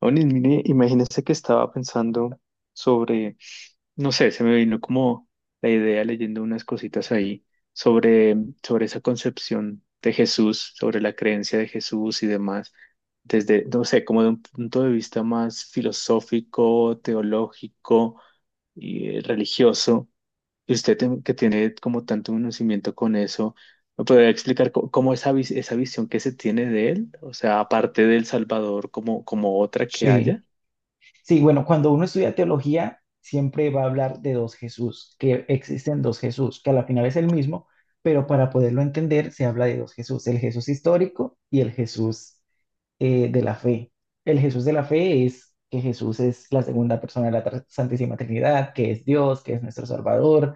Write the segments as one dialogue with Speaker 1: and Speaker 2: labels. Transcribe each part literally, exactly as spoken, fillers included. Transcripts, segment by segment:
Speaker 1: Onis, mire, imagínese que estaba pensando sobre, no sé, se me vino como la idea leyendo unas cositas ahí sobre, sobre esa concepción de Jesús, sobre la creencia de Jesús y demás, desde, no sé, como de un punto de vista más filosófico, teológico y eh, religioso. Y usted tem- que tiene como tanto conocimiento con eso, ¿me podría explicar co- cómo, esa, vis- esa visión que se tiene de él? O sea, aparte del Salvador, como, como otra que
Speaker 2: Sí,
Speaker 1: haya.
Speaker 2: sí, bueno, cuando uno estudia teología, siempre va a hablar de dos Jesús, que existen dos Jesús, que a la final es el mismo, pero para poderlo entender se habla de dos Jesús, el Jesús histórico y el Jesús eh, de la fe. El Jesús de la fe es que Jesús es la segunda persona de la tra- Santísima Trinidad, que es Dios, que es nuestro Salvador,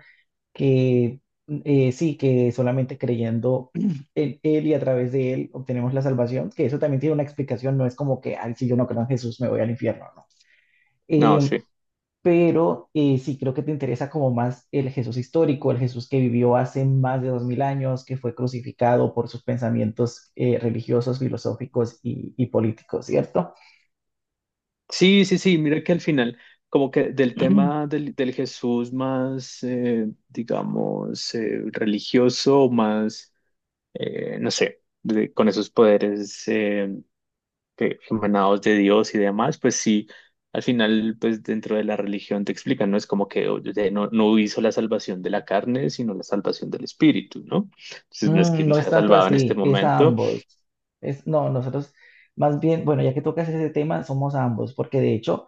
Speaker 2: que eh, sí, que solamente creyendo en Él y a través de Él obtenemos la salvación, que eso también tiene una explicación, no es como que, ay, si yo no creo en Jesús me voy al infierno.
Speaker 1: No,
Speaker 2: Em,
Speaker 1: sí.
Speaker 2: pero eh, sí creo que te interesa como más el Jesús histórico, el Jesús que vivió hace más de dos mil años, que fue crucificado por sus pensamientos eh, religiosos, filosóficos y, y políticos, ¿cierto?
Speaker 1: Sí, sí, sí, mira que al final, como que del tema del, del Jesús más, eh, digamos, eh, religioso, más, eh, no sé, de- con esos poderes eh, que- emanados de Dios y demás, pues sí, al final, pues dentro de la religión te explican, ¿no? Es como que oye, no, no hizo la salvación de la carne, sino la salvación del espíritu, ¿no? Entonces, no es que
Speaker 2: Mm, no
Speaker 1: nos
Speaker 2: es
Speaker 1: ha
Speaker 2: tanto
Speaker 1: salvado en este
Speaker 2: así, es a
Speaker 1: momento.
Speaker 2: ambos. Es, no, nosotros más bien, bueno, ya que tocas ese tema, somos ambos, porque de hecho,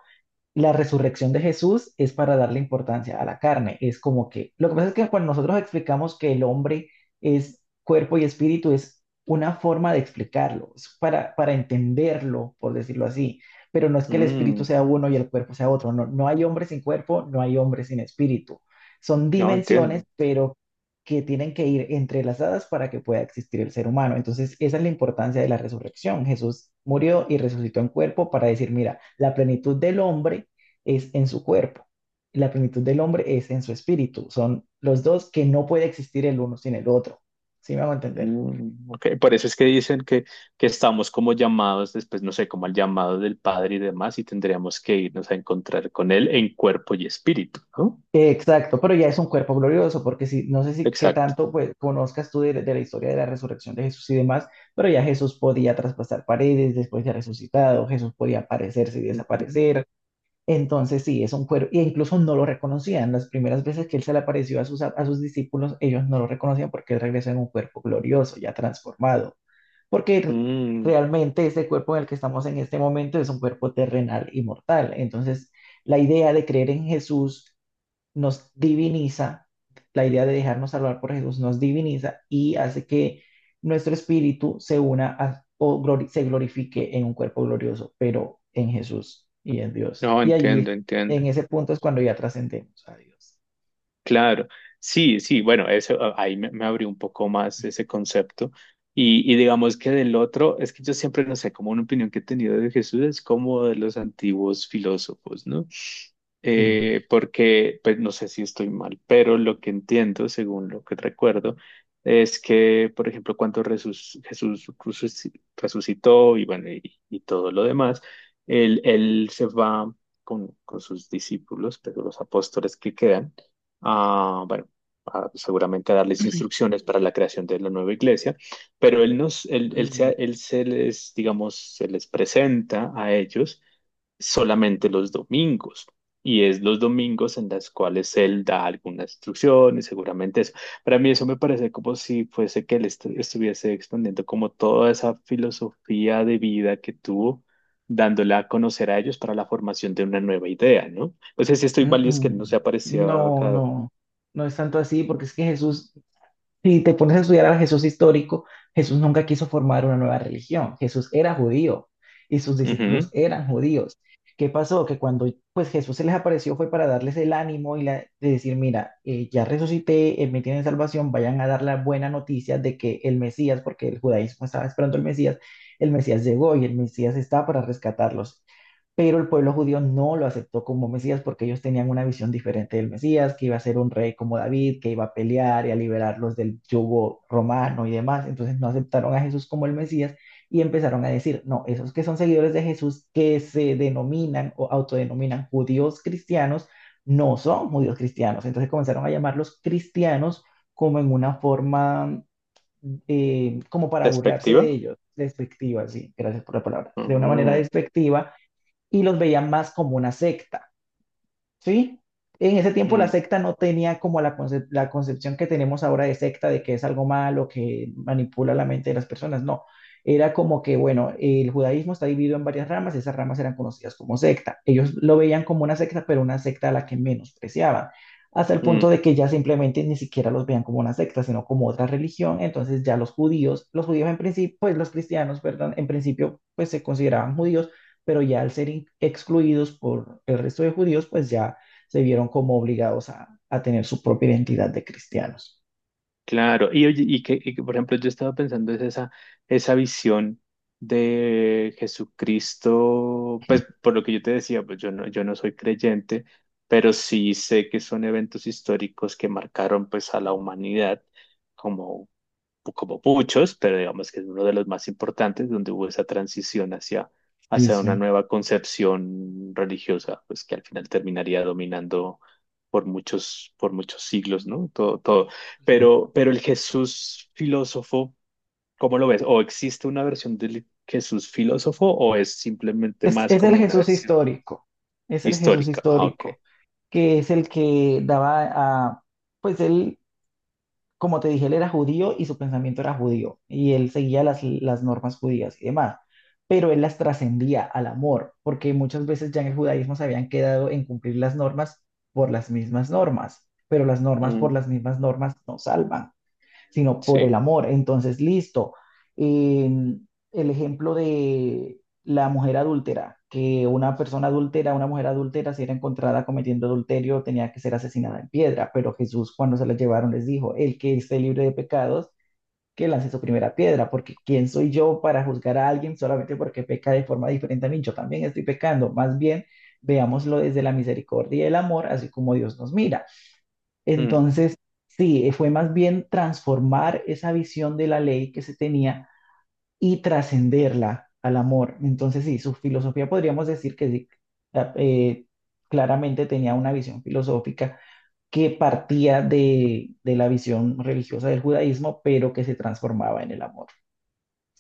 Speaker 2: la resurrección de Jesús es para darle importancia a la carne. Es como que, lo que pasa es que cuando nosotros explicamos que el hombre es cuerpo y espíritu, es una forma de explicarlo, es para, para entenderlo, por decirlo así. Pero no es que el espíritu
Speaker 1: Mm,
Speaker 2: sea uno y el cuerpo sea otro. No, no hay hombre sin cuerpo, no hay hombre sin espíritu. Son
Speaker 1: no,
Speaker 2: dimensiones,
Speaker 1: entiendo.
Speaker 2: pero que tienen que ir entrelazadas para que pueda existir el ser humano. Entonces, esa es la importancia de la resurrección. Jesús murió y resucitó en cuerpo para decir, mira, la plenitud del hombre es en su cuerpo. La plenitud del hombre es en su espíritu. Son los dos que no puede existir el uno sin el otro. ¿Sí me hago entender?
Speaker 1: Mm, ok. Por eso es que dicen que, que estamos como llamados después, no sé, como al llamado del Padre y demás, y tendríamos que irnos a encontrar con Él en cuerpo y espíritu, ¿no?
Speaker 2: Exacto, pero ya es un cuerpo glorioso, porque si, no sé si qué
Speaker 1: Exacto.
Speaker 2: tanto pues, conozcas tú de, de la historia de la resurrección de Jesús y demás, pero ya Jesús podía traspasar paredes después de resucitado, Jesús podía aparecerse y
Speaker 1: Ujú.
Speaker 2: desaparecer, entonces sí, es un cuerpo, e incluso no lo reconocían, las primeras veces que él se le apareció a sus, a sus discípulos, ellos no lo reconocían porque él regresó en un cuerpo glorioso, ya transformado, porque
Speaker 1: Mm.
Speaker 2: realmente este cuerpo en el que estamos en este momento es un cuerpo terrenal y mortal. Entonces, la idea de creer en Jesús nos diviniza, la idea de dejarnos salvar por Jesús nos diviniza y hace que nuestro espíritu se una a- o glori- se glorifique en un cuerpo glorioso, pero en Jesús y en Dios.
Speaker 1: No,
Speaker 2: Y allí,
Speaker 1: entiendo, entiendo.
Speaker 2: en ese punto, es cuando ya trascendemos a Dios.
Speaker 1: Claro, sí, sí, bueno, eso a- ahí me, me abrió un poco más ese concepto. Y, y digamos que del otro, es que yo siempre, no sé, como una opinión que he tenido de Jesús es como de los antiguos filósofos, ¿no?
Speaker 2: Sí.
Speaker 1: Eh, porque, pues no sé si estoy mal, pero lo que entiendo, según lo que recuerdo, es que, por ejemplo, cuando Resus- Jesús resuci- resucitó y bueno, y, y todo lo demás, él, él se va con, con sus discípulos, pero los apóstoles que quedan a, bueno, a seguramente a darles instrucciones para la creación de la nueva iglesia, pero él nos, él, él
Speaker 2: Mm,
Speaker 1: se, él se les, digamos, se les presenta a ellos solamente los domingos. Y es los domingos en las cuales él da alguna instrucción y seguramente eso. Para mí eso me parece como si fuese que él estu- estuviese expandiendo como toda esa filosofía de vida que tuvo, dándola a conocer a ellos para la formación de una nueva idea, ¿no? No sé si estoy
Speaker 2: mm,
Speaker 1: mal y es que no se
Speaker 2: mm.
Speaker 1: aparecía
Speaker 2: No,
Speaker 1: acá.
Speaker 2: no, no es tanto así, porque es que Jesús, si te pones a estudiar a Jesús histórico, Jesús nunca quiso formar una nueva religión. Jesús era judío y sus discípulos
Speaker 1: Ujú.
Speaker 2: eran judíos. ¿Qué pasó? Que cuando pues Jesús se les apareció fue para darles el ánimo y la, de decir, mira, eh, ya resucité, eh, me tienen salvación, vayan a dar la buena noticia de que el Mesías, porque el judaísmo estaba esperando el Mesías, el Mesías llegó y el Mesías está para rescatarlos, pero el pueblo judío no lo aceptó como Mesías porque ellos tenían una visión diferente del Mesías, que iba a ser un rey como David, que iba a pelear y a liberarlos del yugo romano y demás. Entonces no aceptaron a Jesús como el Mesías y empezaron a decir, no, esos que son seguidores de Jesús, que se denominan o autodenominan judíos cristianos, no son judíos cristianos. Entonces comenzaron a llamarlos cristianos como en una forma, eh, como para burlarse de
Speaker 1: ¿Despectiva?
Speaker 2: ellos, despectiva, sí, gracias por la palabra, de una manera
Speaker 1: Ujú.
Speaker 2: despectiva, y los veían más como una secta, ¿sí? En ese tiempo la
Speaker 1: Mm,
Speaker 2: secta no tenía como la, concep- la concepción que tenemos ahora de secta, de que es algo malo, que manipula la mente de las personas, no. Era como que, bueno, el judaísmo está dividido en varias ramas, esas ramas eran conocidas como secta. Ellos lo veían como una secta, pero una secta a la que menospreciaban, hasta el
Speaker 1: mm.
Speaker 2: punto de que ya simplemente ni siquiera los veían como una secta, sino como otra religión. Entonces ya los judíos, los judíos en principio, pues los cristianos, perdón, en principio, pues se consideraban judíos, pero ya al ser in- excluidos por el resto de judíos, pues ya se vieron como obligados a, a tener su propia identidad de cristianos.
Speaker 1: Claro. Y oye, y que, y que, por ejemplo, yo estaba pensando es esa, esa visión de Jesucristo, pues por lo que yo te decía, pues yo no, yo no soy creyente, pero sí sé que son eventos históricos que marcaron pues a la humanidad, como muchos, pero digamos que es uno de los más importantes, donde hubo esa transición hacia,
Speaker 2: Sí,
Speaker 1: hacia una
Speaker 2: sí,
Speaker 1: nueva concepción religiosa, pues que al final terminaría dominando por muchos, por muchos siglos, ¿no? Todo, todo.
Speaker 2: sí.
Speaker 1: Pero, pero el Jesús filósofo, ¿cómo lo ves? ¿O existe una versión del Jesús filósofo o es simplemente
Speaker 2: Es,
Speaker 1: más
Speaker 2: es el
Speaker 1: como una
Speaker 2: Jesús
Speaker 1: versión
Speaker 2: histórico, es el Jesús
Speaker 1: histórica? Ah, ok.
Speaker 2: histórico, que es el que daba a, pues él, como te dije, él era judío y su pensamiento era judío, y él seguía las, las normas judías y demás, pero él las trascendía al amor, porque muchas veces ya en el judaísmo se habían quedado en cumplir las normas por las mismas normas, pero las normas por
Speaker 1: Mm,
Speaker 2: las mismas normas no salvan sino por el
Speaker 1: sí.
Speaker 2: amor. Entonces, listo. Eh, el ejemplo de la mujer adúltera, que una persona adúltera, una mujer adúltera, si era encontrada cometiendo adulterio, tenía que ser asesinada en piedra, pero Jesús cuando se la llevaron les dijo, el que esté libre de pecados, que lance su primera piedra, porque ¿quién soy yo para juzgar a alguien solamente porque peca de forma diferente a mí? Yo también estoy pecando, más bien veámoslo desde la misericordia y el amor, así como Dios nos mira. Entonces, sí, fue más bien transformar esa visión de la ley que se tenía y trascenderla al amor. Entonces, sí, su filosofía podríamos decir que sí, la- eh, claramente tenía una visión filosófica que partía de, de la visión religiosa del judaísmo, pero que se transformaba en el amor.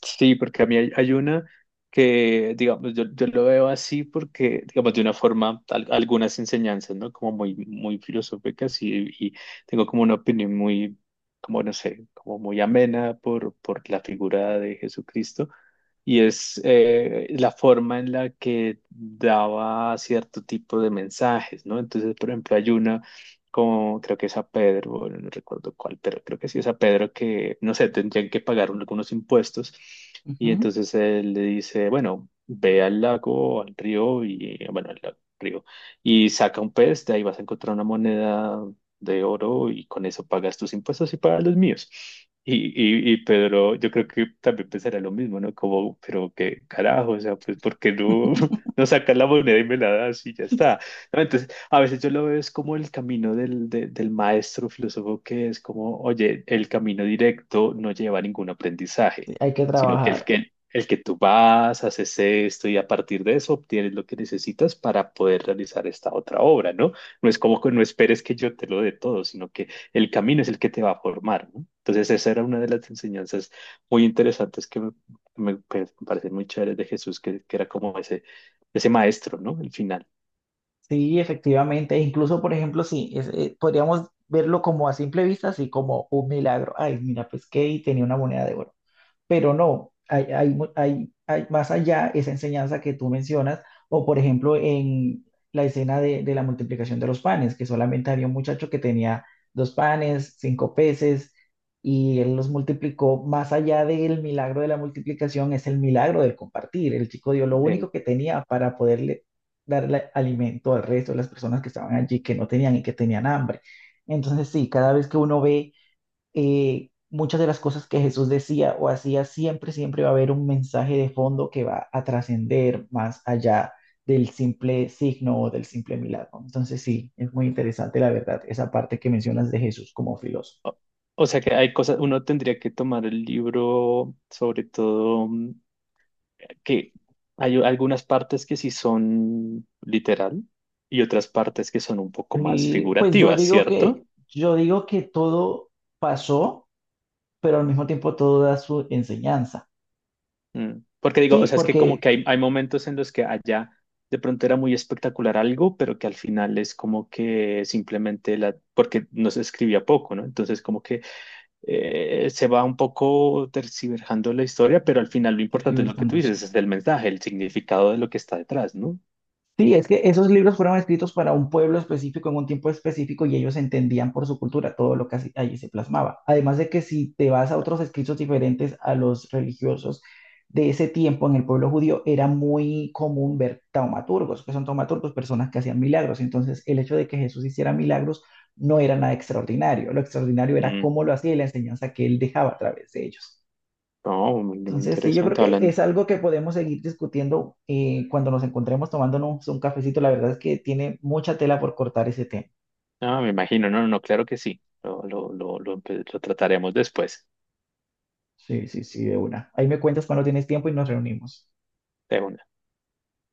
Speaker 1: Sí, porque a mí hay, hay una que, digamos, yo, yo lo veo así porque, digamos, de una forma, al- algunas enseñanzas, ¿no? Como muy, muy filosóficas y, y tengo como una opinión muy, como no sé, como muy amena por, por la figura de Jesucristo. Y es eh, la forma en la que daba cierto tipo de mensajes, ¿no? Entonces, por ejemplo, hay una como creo que es a Pedro, bueno, no recuerdo cuál, pero creo que sí es a Pedro que, no sé, tendrían que pagar un- algunos impuestos. Y
Speaker 2: Ujú,
Speaker 1: entonces él le dice, bueno, ve al lago, al río, y bueno, al lago, río, y saca un pez, de ahí vas a encontrar una moneda de oro y con eso pagas tus impuestos y pagas los míos. Y, y, y Pedro, yo creo que también pensará lo mismo, ¿no? Como, pero qué carajo, o sea, pues ¿por qué no no sacas la moneda y me la das y ya está? ¿No? Entonces, a veces yo lo veo es como el camino del, de- del maestro filósofo que es como, oye, el camino directo no lleva a ningún
Speaker 2: sí,
Speaker 1: aprendizaje,
Speaker 2: hay que
Speaker 1: sino que el
Speaker 2: trabajar.
Speaker 1: que, el que tú vas, haces esto y a partir de eso obtienes lo que necesitas para poder realizar esta otra obra, ¿no? No es como que no esperes que yo te lo dé todo, sino que el camino es el que te va a formar, ¿no? Entonces, esa era una de las enseñanzas muy interesantes que me, me- que me parecen muy chéveres de Jesús, que, que era como ese, ese maestro, ¿no? El final.
Speaker 2: Sí, efectivamente. E incluso, por ejemplo, sí, es- eh, podríamos verlo como a simple vista, así como un milagro. Ay, mira, pesqué y tenía una moneda de oro. Pero no, hay, hay, mu- hay- hay más allá esa enseñanza que tú mencionas, o por ejemplo en la escena de, de la multiplicación de los panes, que solamente había un muchacho que tenía dos panes, cinco peces, y él los multiplicó, más allá del milagro de la multiplicación es el milagro del compartir, el chico dio lo
Speaker 1: Eh,
Speaker 2: único que tenía para poderle darle alimento al resto de las personas que estaban allí, que no tenían y que tenían hambre. Entonces sí, cada vez que uno ve eh, muchas de las cosas que Jesús decía o hacía, siempre, siempre va a haber un mensaje de fondo que va a trascender más allá del simple signo o del simple milagro. Entonces sí, es muy interesante la verdad, esa parte que mencionas de Jesús como filósofo.
Speaker 1: o, o sea que hay cosas, uno tendría que tomar el libro, sobre todo, mm, que hay algunas partes que sí son literal y otras partes que son un poco más
Speaker 2: Y pues yo
Speaker 1: figurativas,
Speaker 2: digo que,
Speaker 1: ¿cierto?
Speaker 2: yo digo que todo pasó, pero al mismo tiempo todo da su enseñanza.
Speaker 1: Mm. Porque digo, o
Speaker 2: Sí,
Speaker 1: sea, es que como
Speaker 2: porque
Speaker 1: que hay, hay momentos en los que allá de pronto era muy espectacular algo, pero que al final es como que simplemente la, porque no se escribía poco, ¿no? Entonces como que eh, se va un poco tergiversando la historia, pero al final lo importante es lo que tú
Speaker 2: tergiversando. Sí.
Speaker 1: dices, es el mensaje, el significado de lo que está detrás, ¿no?
Speaker 2: Sí, es que esos libros fueron escritos para un pueblo específico en un tiempo específico y ellos entendían por su cultura todo lo que así- allí se plasmaba. Además de que si te vas a otros escritos diferentes a los religiosos de ese tiempo en el pueblo judío, era muy común ver taumaturgos, que son taumaturgos, personas que hacían milagros. Entonces, el hecho de que Jesús hiciera milagros no era nada extraordinario. Lo extraordinario era
Speaker 1: Mm.
Speaker 2: cómo lo hacía y la enseñanza que él dejaba a través de ellos.
Speaker 1: No, muy, muy
Speaker 2: Entonces, sí, yo creo
Speaker 1: interesante.
Speaker 2: que
Speaker 1: Hablan,
Speaker 2: es algo que podemos seguir discutiendo eh, cuando nos encontremos tomándonos un cafecito. La verdad es que tiene mucha tela por cortar ese tema.
Speaker 1: ah, me imagino, no, no, no, claro que sí. Lo, lo, lo, lo, pues, lo trataremos después.
Speaker 2: Sí, sí, sí, de una. Ahí me cuentas cuando tienes tiempo y nos reunimos.
Speaker 1: De una.